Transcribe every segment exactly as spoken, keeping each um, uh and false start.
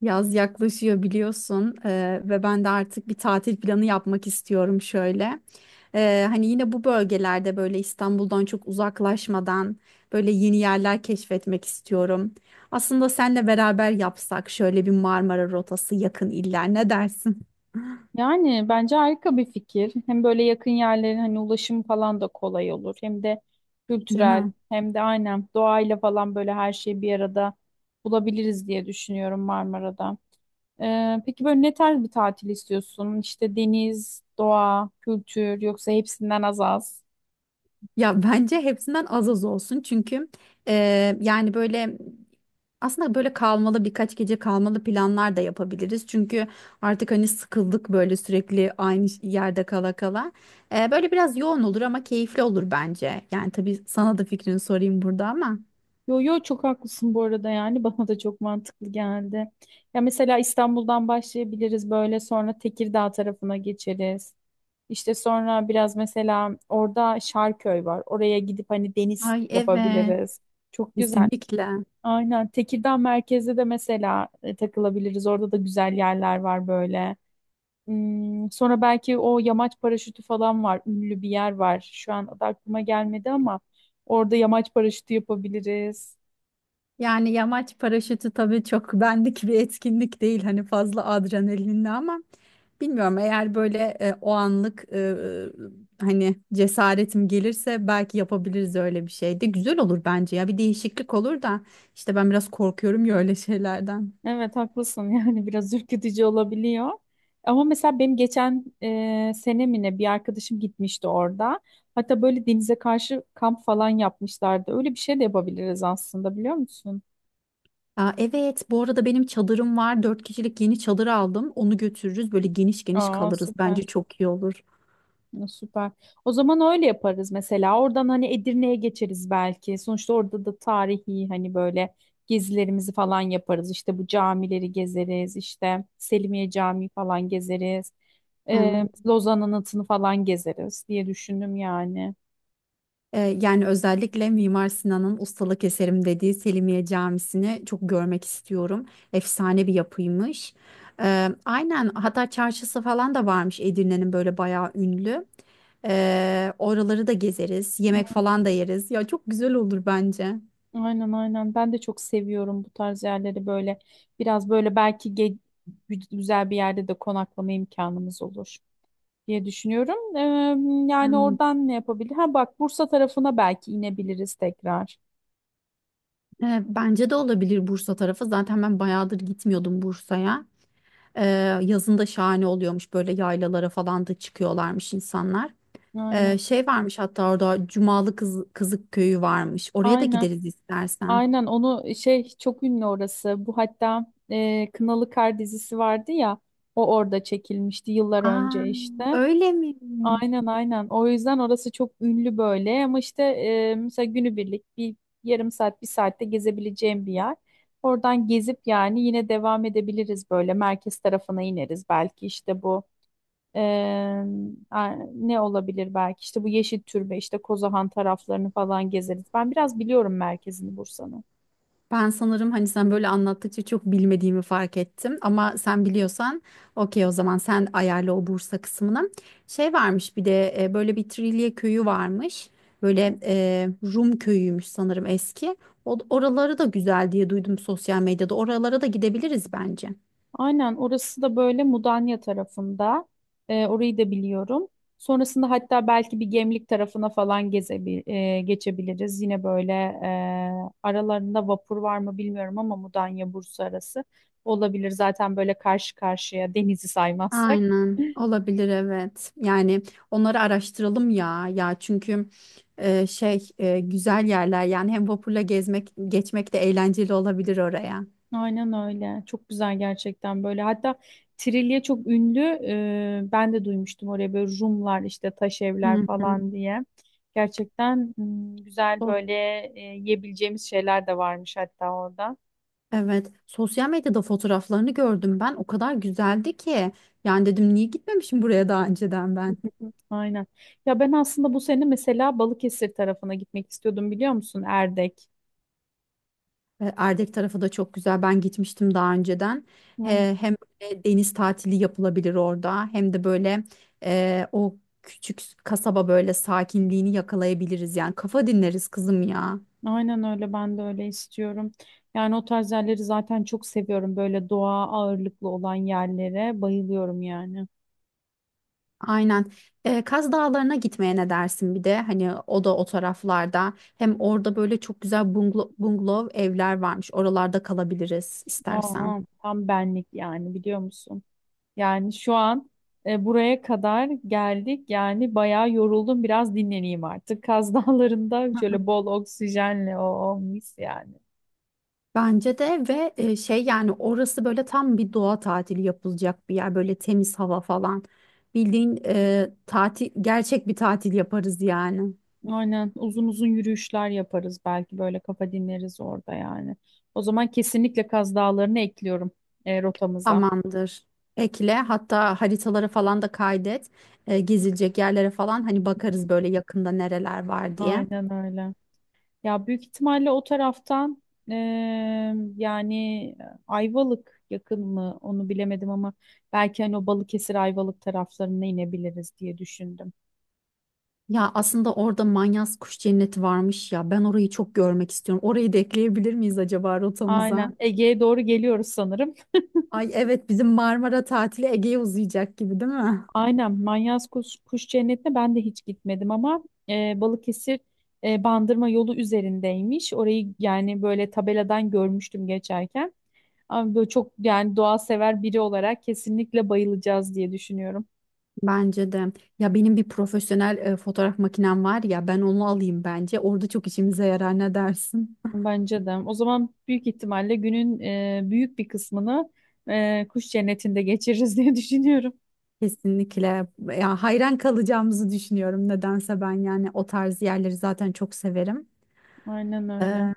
Yaz yaklaşıyor biliyorsun eee, ve ben de artık bir tatil planı yapmak istiyorum şöyle. Eee, hani yine bu bölgelerde böyle İstanbul'dan çok uzaklaşmadan böyle yeni yerler keşfetmek istiyorum. Aslında senle beraber yapsak şöyle bir Marmara rotası yakın iller ne dersin? Yani bence harika bir fikir. Hem böyle yakın yerlerin hani ulaşım falan da kolay olur. Hem de Değil kültürel mi? hem de aynen doğayla falan böyle her şeyi bir arada bulabiliriz diye düşünüyorum Marmara'da. Ee, peki böyle ne tarz bir tatil istiyorsun? İşte deniz, doğa, kültür yoksa hepsinden az az? Ya bence hepsinden az az olsun çünkü e, yani böyle aslında böyle kalmalı birkaç gece kalmalı planlar da yapabiliriz. Çünkü artık hani sıkıldık böyle sürekli aynı ş- yerde kala kala. E, böyle biraz yoğun olur ama keyifli olur bence. Yani tabii sana da fikrini sorayım burada ama. Yo yo, çok haklısın bu arada, yani bana da çok mantıklı geldi. Ya mesela İstanbul'dan başlayabiliriz, böyle sonra Tekirdağ tarafına geçeriz. İşte sonra biraz mesela orada Şarköy var. Oraya gidip hani deniz Ay, evet, yapabiliriz. Çok güzel. kesinlikle. Aynen Tekirdağ merkezde de mesela e, takılabiliriz. Orada da güzel yerler var böyle. Hmm, sonra belki o yamaç paraşütü falan var. Ünlü bir yer var. Şu an adı aklıma gelmedi ama orada yamaç paraşütü yapabiliriz. Yani yamaç paraşütü tabii çok bendik bir etkinlik değil, hani fazla adrenalinli ama. Bilmiyorum, eğer böyle e, o anlık e, hani cesaretim gelirse belki yapabiliriz, öyle bir şey de güzel olur bence ya, bir değişiklik olur da işte ben biraz korkuyorum ya öyle şeylerden. Evet, haklısın, yani biraz ürkütücü olabiliyor. Ama mesela benim geçen e, sene mi ne bir arkadaşım gitmişti orada. Hatta böyle denize karşı kamp falan yapmışlardı. Öyle bir şey de yapabiliriz aslında, biliyor musun? Aa, evet, bu arada benim çadırım var, dört kişilik yeni çadır aldım, onu götürürüz böyle geniş geniş Aa, kalırız, süper. bence çok iyi olur. Ya, süper. O zaman öyle yaparız mesela. Oradan hani Edirne'ye geçeriz belki. Sonuçta orada da tarihi hani böyle gezilerimizi falan yaparız. İşte bu camileri gezeriz. İşte Selimiye Camii falan gezeriz. Ee, Evet. Lozan Anıtı'nı falan gezeriz diye düşündüm yani. Ee, yani özellikle Mimar Sinan'ın ustalık eserim dediği Selimiye Camisi'ni çok görmek istiyorum. Efsane bir yapıymış. Ee, aynen, hatta çarşısı falan da varmış Edirne'nin, böyle bayağı ünlü. Ee, oraları da gezeriz. Yemek falan da yeriz. Ya çok güzel olur bence. Aynen, aynen. Ben de çok seviyorum bu tarz yerleri böyle. Biraz böyle belki ge- güzel bir yerde de konaklama imkanımız olur diye düşünüyorum. Eee, yani Hmm. oradan ne yapabilir? Ha bak, Bursa tarafına belki inebiliriz tekrar. Ee, bence de olabilir Bursa tarafı. Zaten ben bayağıdır gitmiyordum Bursa'ya. Ee, Yazın da şahane oluyormuş, böyle yaylalara falan da çıkıyorlarmış insanlar. Aynen. Ee, şey varmış hatta orada, Cumalı Kız, Kızık Köyü varmış. Oraya da Aynen. gideriz istersen. Aynen, onu şey, çok ünlü orası. Bu hatta eee, Kınalı Kar dizisi vardı ya. O orada çekilmişti yıllar önce Aa, işte. öyle mi? Aynen, aynen. O yüzden orası çok ünlü böyle, ama işte eee mesela günübirlik bir yarım saat bir saatte gezebileceğim bir yer. Oradan gezip yani yine devam edebiliriz, böyle merkez tarafına ineriz belki işte bu. Eee, a- Ne olabilir, belki işte bu Yeşil Türbe, işte Kozahan taraflarını falan gezeriz. Ben biraz biliyorum merkezini Bursa'nın. Ben sanırım, hani sen böyle anlattıkça çok bilmediğimi fark ettim. Ama sen biliyorsan okey, o zaman sen ayarla o Bursa kısmını. Şey varmış bir de, e, böyle bir Trilye köyü varmış. Böyle e, Rum köyüymüş sanırım eski. O, oraları da güzel diye duydum sosyal medyada. Oralara da gidebiliriz bence. Aynen, orası da böyle Mudanya tarafında. Eee, orayı da biliyorum. Sonrasında hatta belki bir Gemlik tarafına falan gezebi eee, geçebiliriz. Yine böyle eee, aralarında vapur var mı bilmiyorum, ama Mudanya Bursa arası olabilir. Zaten böyle karşı karşıya, denizi saymazsak. Aynen, olabilir, evet. Yani onları araştıralım ya ya çünkü e, şey e, güzel yerler, yani hem vapurla gezmek geçmek de eğlenceli olabilir oraya. Aynen öyle. Çok güzel gerçekten böyle. Hatta Trilye çok ünlü. Ee, ben de duymuştum oraya böyle, Rumlar işte taş evler Hı hı. falan diye. Gerçekten hmm, güzel Sos- böyle e, yiyebileceğimiz şeyler de varmış hatta orada. Evet, sosyal medyada fotoğraflarını gördüm, ben o kadar güzeldi ki yani dedim niye gitmemişim buraya daha önceden ben. Aynen. Ya ben aslında bu sene mesela Balıkesir tarafına gitmek istiyordum, biliyor musun? Erdek. E, Erdek tarafı da çok güzel. Ben gitmiştim daha önceden. Aynen, He- Hem böyle deniz tatili yapılabilir orada, hem de böyle e, o küçük kasaba böyle sakinliğini yakalayabiliriz. Yani kafa dinleriz kızım ya. aynen öyle, ben de öyle istiyorum. Yani o tarz yerleri zaten çok seviyorum. Böyle doğa ağırlıklı olan yerlere bayılıyorum yani. Aynen. E, Kaz Dağları'na gitmeye ne dersin bir de? Hani o da o taraflarda. Hem orada böyle çok güzel bungalo- bungalov evler varmış. Oralarda kalabiliriz istersen. Aa, tam benlik yani, biliyor musun? Yani şu an e, buraya kadar geldik. Yani bayağı yoruldum. Biraz dinleneyim artık. Kaz Dağları'nda şöyle bol oksijenle o, o mis yani. Bence de. Ve e, şey, yani orası böyle tam bir doğa tatili yapılacak bir yer, böyle temiz hava falan, bildiğin e, tatil, gerçek bir tatil yaparız yani. Aynen, uzun uzun yürüyüşler yaparız belki, böyle kafa dinleriz orada yani. O zaman kesinlikle Kaz Dağları'nı ekliyorum e, rotamıza. Tamamdır, ekle hatta, haritalara falan da kaydet. E, gezilecek yerlere falan hani bakarız, böyle yakında nereler var diye. Aynen öyle. Ya büyük ihtimalle o taraftan eee, yani Ayvalık yakın mı onu bilemedim, ama belki hani o Balıkesir Ayvalık taraflarına inebiliriz diye düşündüm. Ya aslında orada Manyas Kuş Cenneti varmış ya, ben orayı çok görmek istiyorum, orayı da ekleyebilir miyiz acaba rotamıza? Aynen, Ege'ye doğru geliyoruz sanırım. Ay evet, bizim Marmara tatili Ege'ye uzayacak gibi, değil mi? Aynen, Manyas Kuş, Kuş Cenneti'ne ben de hiç gitmedim, ama eee, Balıkesir eee, Bandırma yolu üzerindeymiş. Orayı yani böyle tabeladan görmüştüm geçerken. Ama böyle çok yani, doğa sever biri olarak kesinlikle bayılacağız diye düşünüyorum. Bence de. Ya benim bir profesyonel e, fotoğraf makinem var ya, ben onu alayım bence. Orada çok işimize yarar, ne dersin? Bence de. O zaman büyük ihtimalle günün e, büyük bir kısmını e, kuş cennetinde geçiririz diye düşünüyorum. Kesinlikle. Ya hayran kalacağımızı düşünüyorum nedense ben, yani o tarz yerleri zaten çok severim. Aynen öyle. Ee,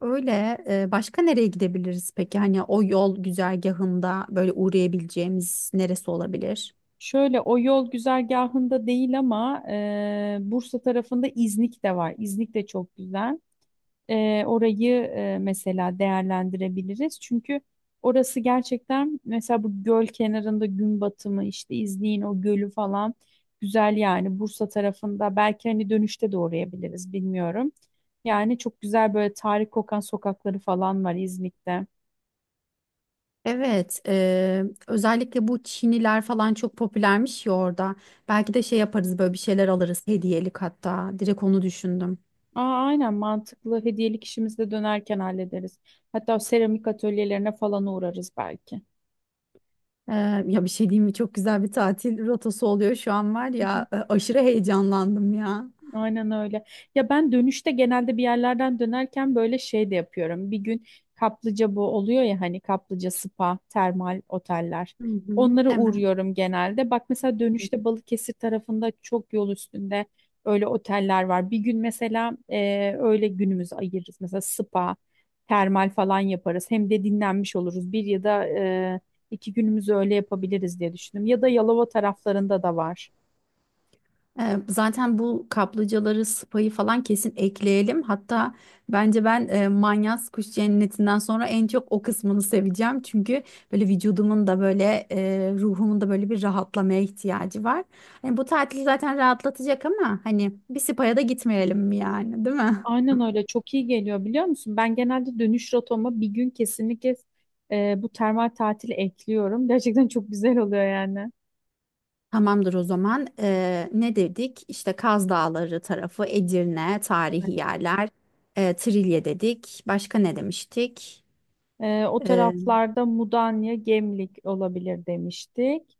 Öyle e, başka nereye gidebiliriz peki? Hani o yol güzergahında böyle uğrayabileceğimiz neresi olabilir? Şöyle, o yol güzergahında değil ama e, Bursa tarafında İznik de var. İznik de çok güzel. E, orayı e, mesela değerlendirebiliriz. Çünkü orası gerçekten mesela bu göl kenarında gün batımı işte, izleyin o gölü falan, güzel yani Bursa tarafında, belki hani dönüşte de uğrayabiliriz bilmiyorum. Yani çok güzel böyle tarih kokan sokakları falan var İznik'te. Evet, eee, özellikle bu çiniler falan çok popülermiş ya orada. Belki de şey yaparız, böyle bir şeyler alırız hediyelik hatta. Direkt onu düşündüm. Aa, aynen, mantıklı, hediyelik işimizi de dönerken hallederiz. Hatta o seramik atölyelerine falan uğrarız belki. Eee, ya bir şey diyeyim mi? Çok güzel bir tatil rotası oluyor şu an, var ya. e, Aşırı heyecanlandım ya. Aynen öyle. Ya ben dönüşte genelde bir yerlerden dönerken böyle şey de yapıyorum. Bir gün kaplıca bu oluyor ya hani, kaplıca, spa, termal oteller. Hı hı, Onlara evet. uğruyorum genelde. Bak mesela dönüşte Balıkesir tarafında çok yol üstünde öyle oteller var. Bir gün mesela e, öyle günümüzü ayırırız. Mesela spa, termal falan yaparız. Hem de dinlenmiş oluruz. Bir ya da e, iki günümüzü öyle yapabiliriz diye düşündüm. Ya da Yalova taraflarında da var. Ee, Zaten bu kaplıcaları, spayı falan kesin ekleyelim. Hatta bence ben e, Manyas Kuş Cenneti'nden sonra en çok o kısmını seveceğim. Çünkü böyle vücudumun da böyle e, ruhumun da böyle bir rahatlamaya ihtiyacı var. Hani bu tatil zaten rahatlatacak ama hani bir spaya da gitmeyelim mi yani, değil mi? Aynen öyle, çok iyi geliyor, biliyor musun? Ben genelde dönüş rotama bir gün kesinlikle e, bu termal tatili ekliyorum. Gerçekten çok güzel oluyor yani. Tamamdır o zaman. Ee, ne dedik? İşte Kaz Dağları tarafı, Edirne, tarihi yerler, e, Trilye dedik. Başka ne demiştik? E, o taraflarda Mudanya, Gemlik olabilir demiştik.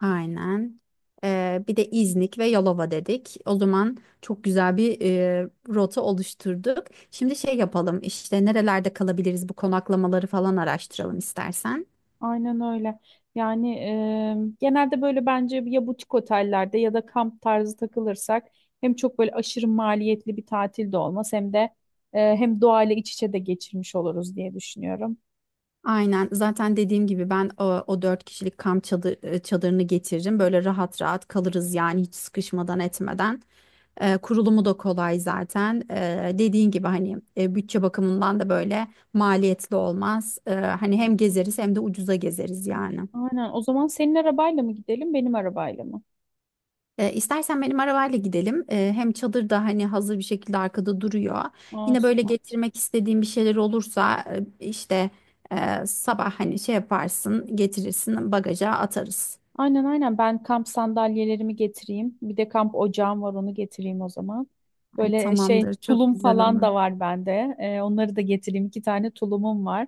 Aynen. Ee, bir de İznik ve Yalova dedik. O zaman çok güzel bir e, rota oluşturduk. Şimdi şey yapalım, işte nerelerde kalabiliriz, bu konaklamaları falan araştıralım istersen. Aynen öyle. Yani e, genelde böyle bence ya butik otellerde ya da kamp tarzı takılırsak, hem çok böyle aşırı maliyetli bir tatil de olmaz, hem de e, hem doğayla iç içe de geçirmiş oluruz diye düşünüyorum. Aynen, zaten dediğim gibi ben o, o dört kişilik kamp çadı- e, çadırını getiririm. Böyle rahat rahat kalırız, yani hiç sıkışmadan etmeden. E, kurulumu da kolay zaten. E, dediğin gibi, hani e, bütçe bakımından da böyle maliyetli olmaz. E, hani hem Aynen. gezeriz hem de ucuza gezeriz yani. Aynen. O zaman senin arabayla mı gidelim, benim arabayla mı? E, istersen benim arabayla gidelim. E, hem çadır da hani hazır bir şekilde arkada duruyor. Yine böyle Olsun. getirmek istediğim bir şeyler olursa e, işte e, sabah hani şey yaparsın getirirsin, bagaja atarız. Aynen, aynen, ben kamp sandalyelerimi getireyim. Bir de kamp ocağım var, onu getireyim o zaman. Ay Böyle şey, tamamdır, çok tulum güzel falan olur. da var bende. Ee, onları da getireyim. İki tane tulumum var.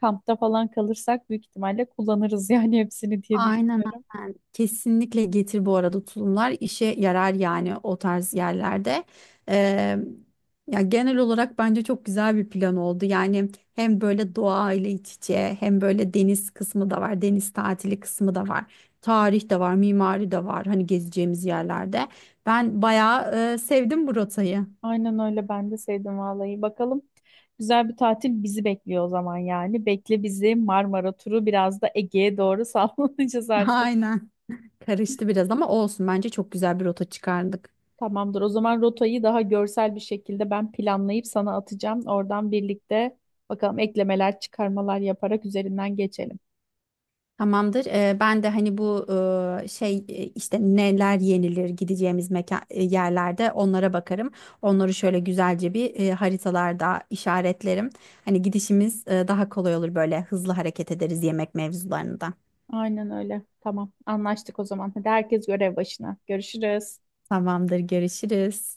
Kampta falan kalırsak büyük ihtimalle kullanırız yani hepsini diye Aynen düşünüyorum. aynen. Kesinlikle getir bu arada, tulumlar işe yarar yani o tarz yerlerde. Ee, Ya genel olarak bence çok güzel bir plan oldu. Yani hem böyle doğa ile iç içe, hem böyle deniz kısmı da var. Deniz tatili kısmı da var. Tarih de var, mimari de var, hani gezeceğimiz yerlerde. Ben bayağı e, sevdim bu rotayı. Aynen öyle, ben de sevdim vallahi. Bakalım, güzel bir tatil bizi bekliyor o zaman yani. Bekle bizi Marmara turu, biraz da Ege'ye doğru sallanacağız artık. Aynen. Karıştı biraz ama olsun. Bence çok güzel bir rota çıkardık. Tamamdır. O zaman rotayı daha görsel bir şekilde ben planlayıp sana atacağım. Oradan birlikte bakalım, eklemeler, çıkarmalar yaparak üzerinden geçelim. Tamamdır. Ee, ben de hani bu e, şey e, işte neler yenilir, gideceğimiz mekan e, yerlerde, onlara bakarım. Onları şöyle güzelce bir e, haritalarda işaretlerim. Hani gidişimiz e, daha kolay olur, böyle hızlı hareket ederiz yemek mevzularında. Aynen öyle. Tamam. Anlaştık o zaman. Hadi herkes görev başına. Görüşürüz. Tamamdır. Görüşürüz.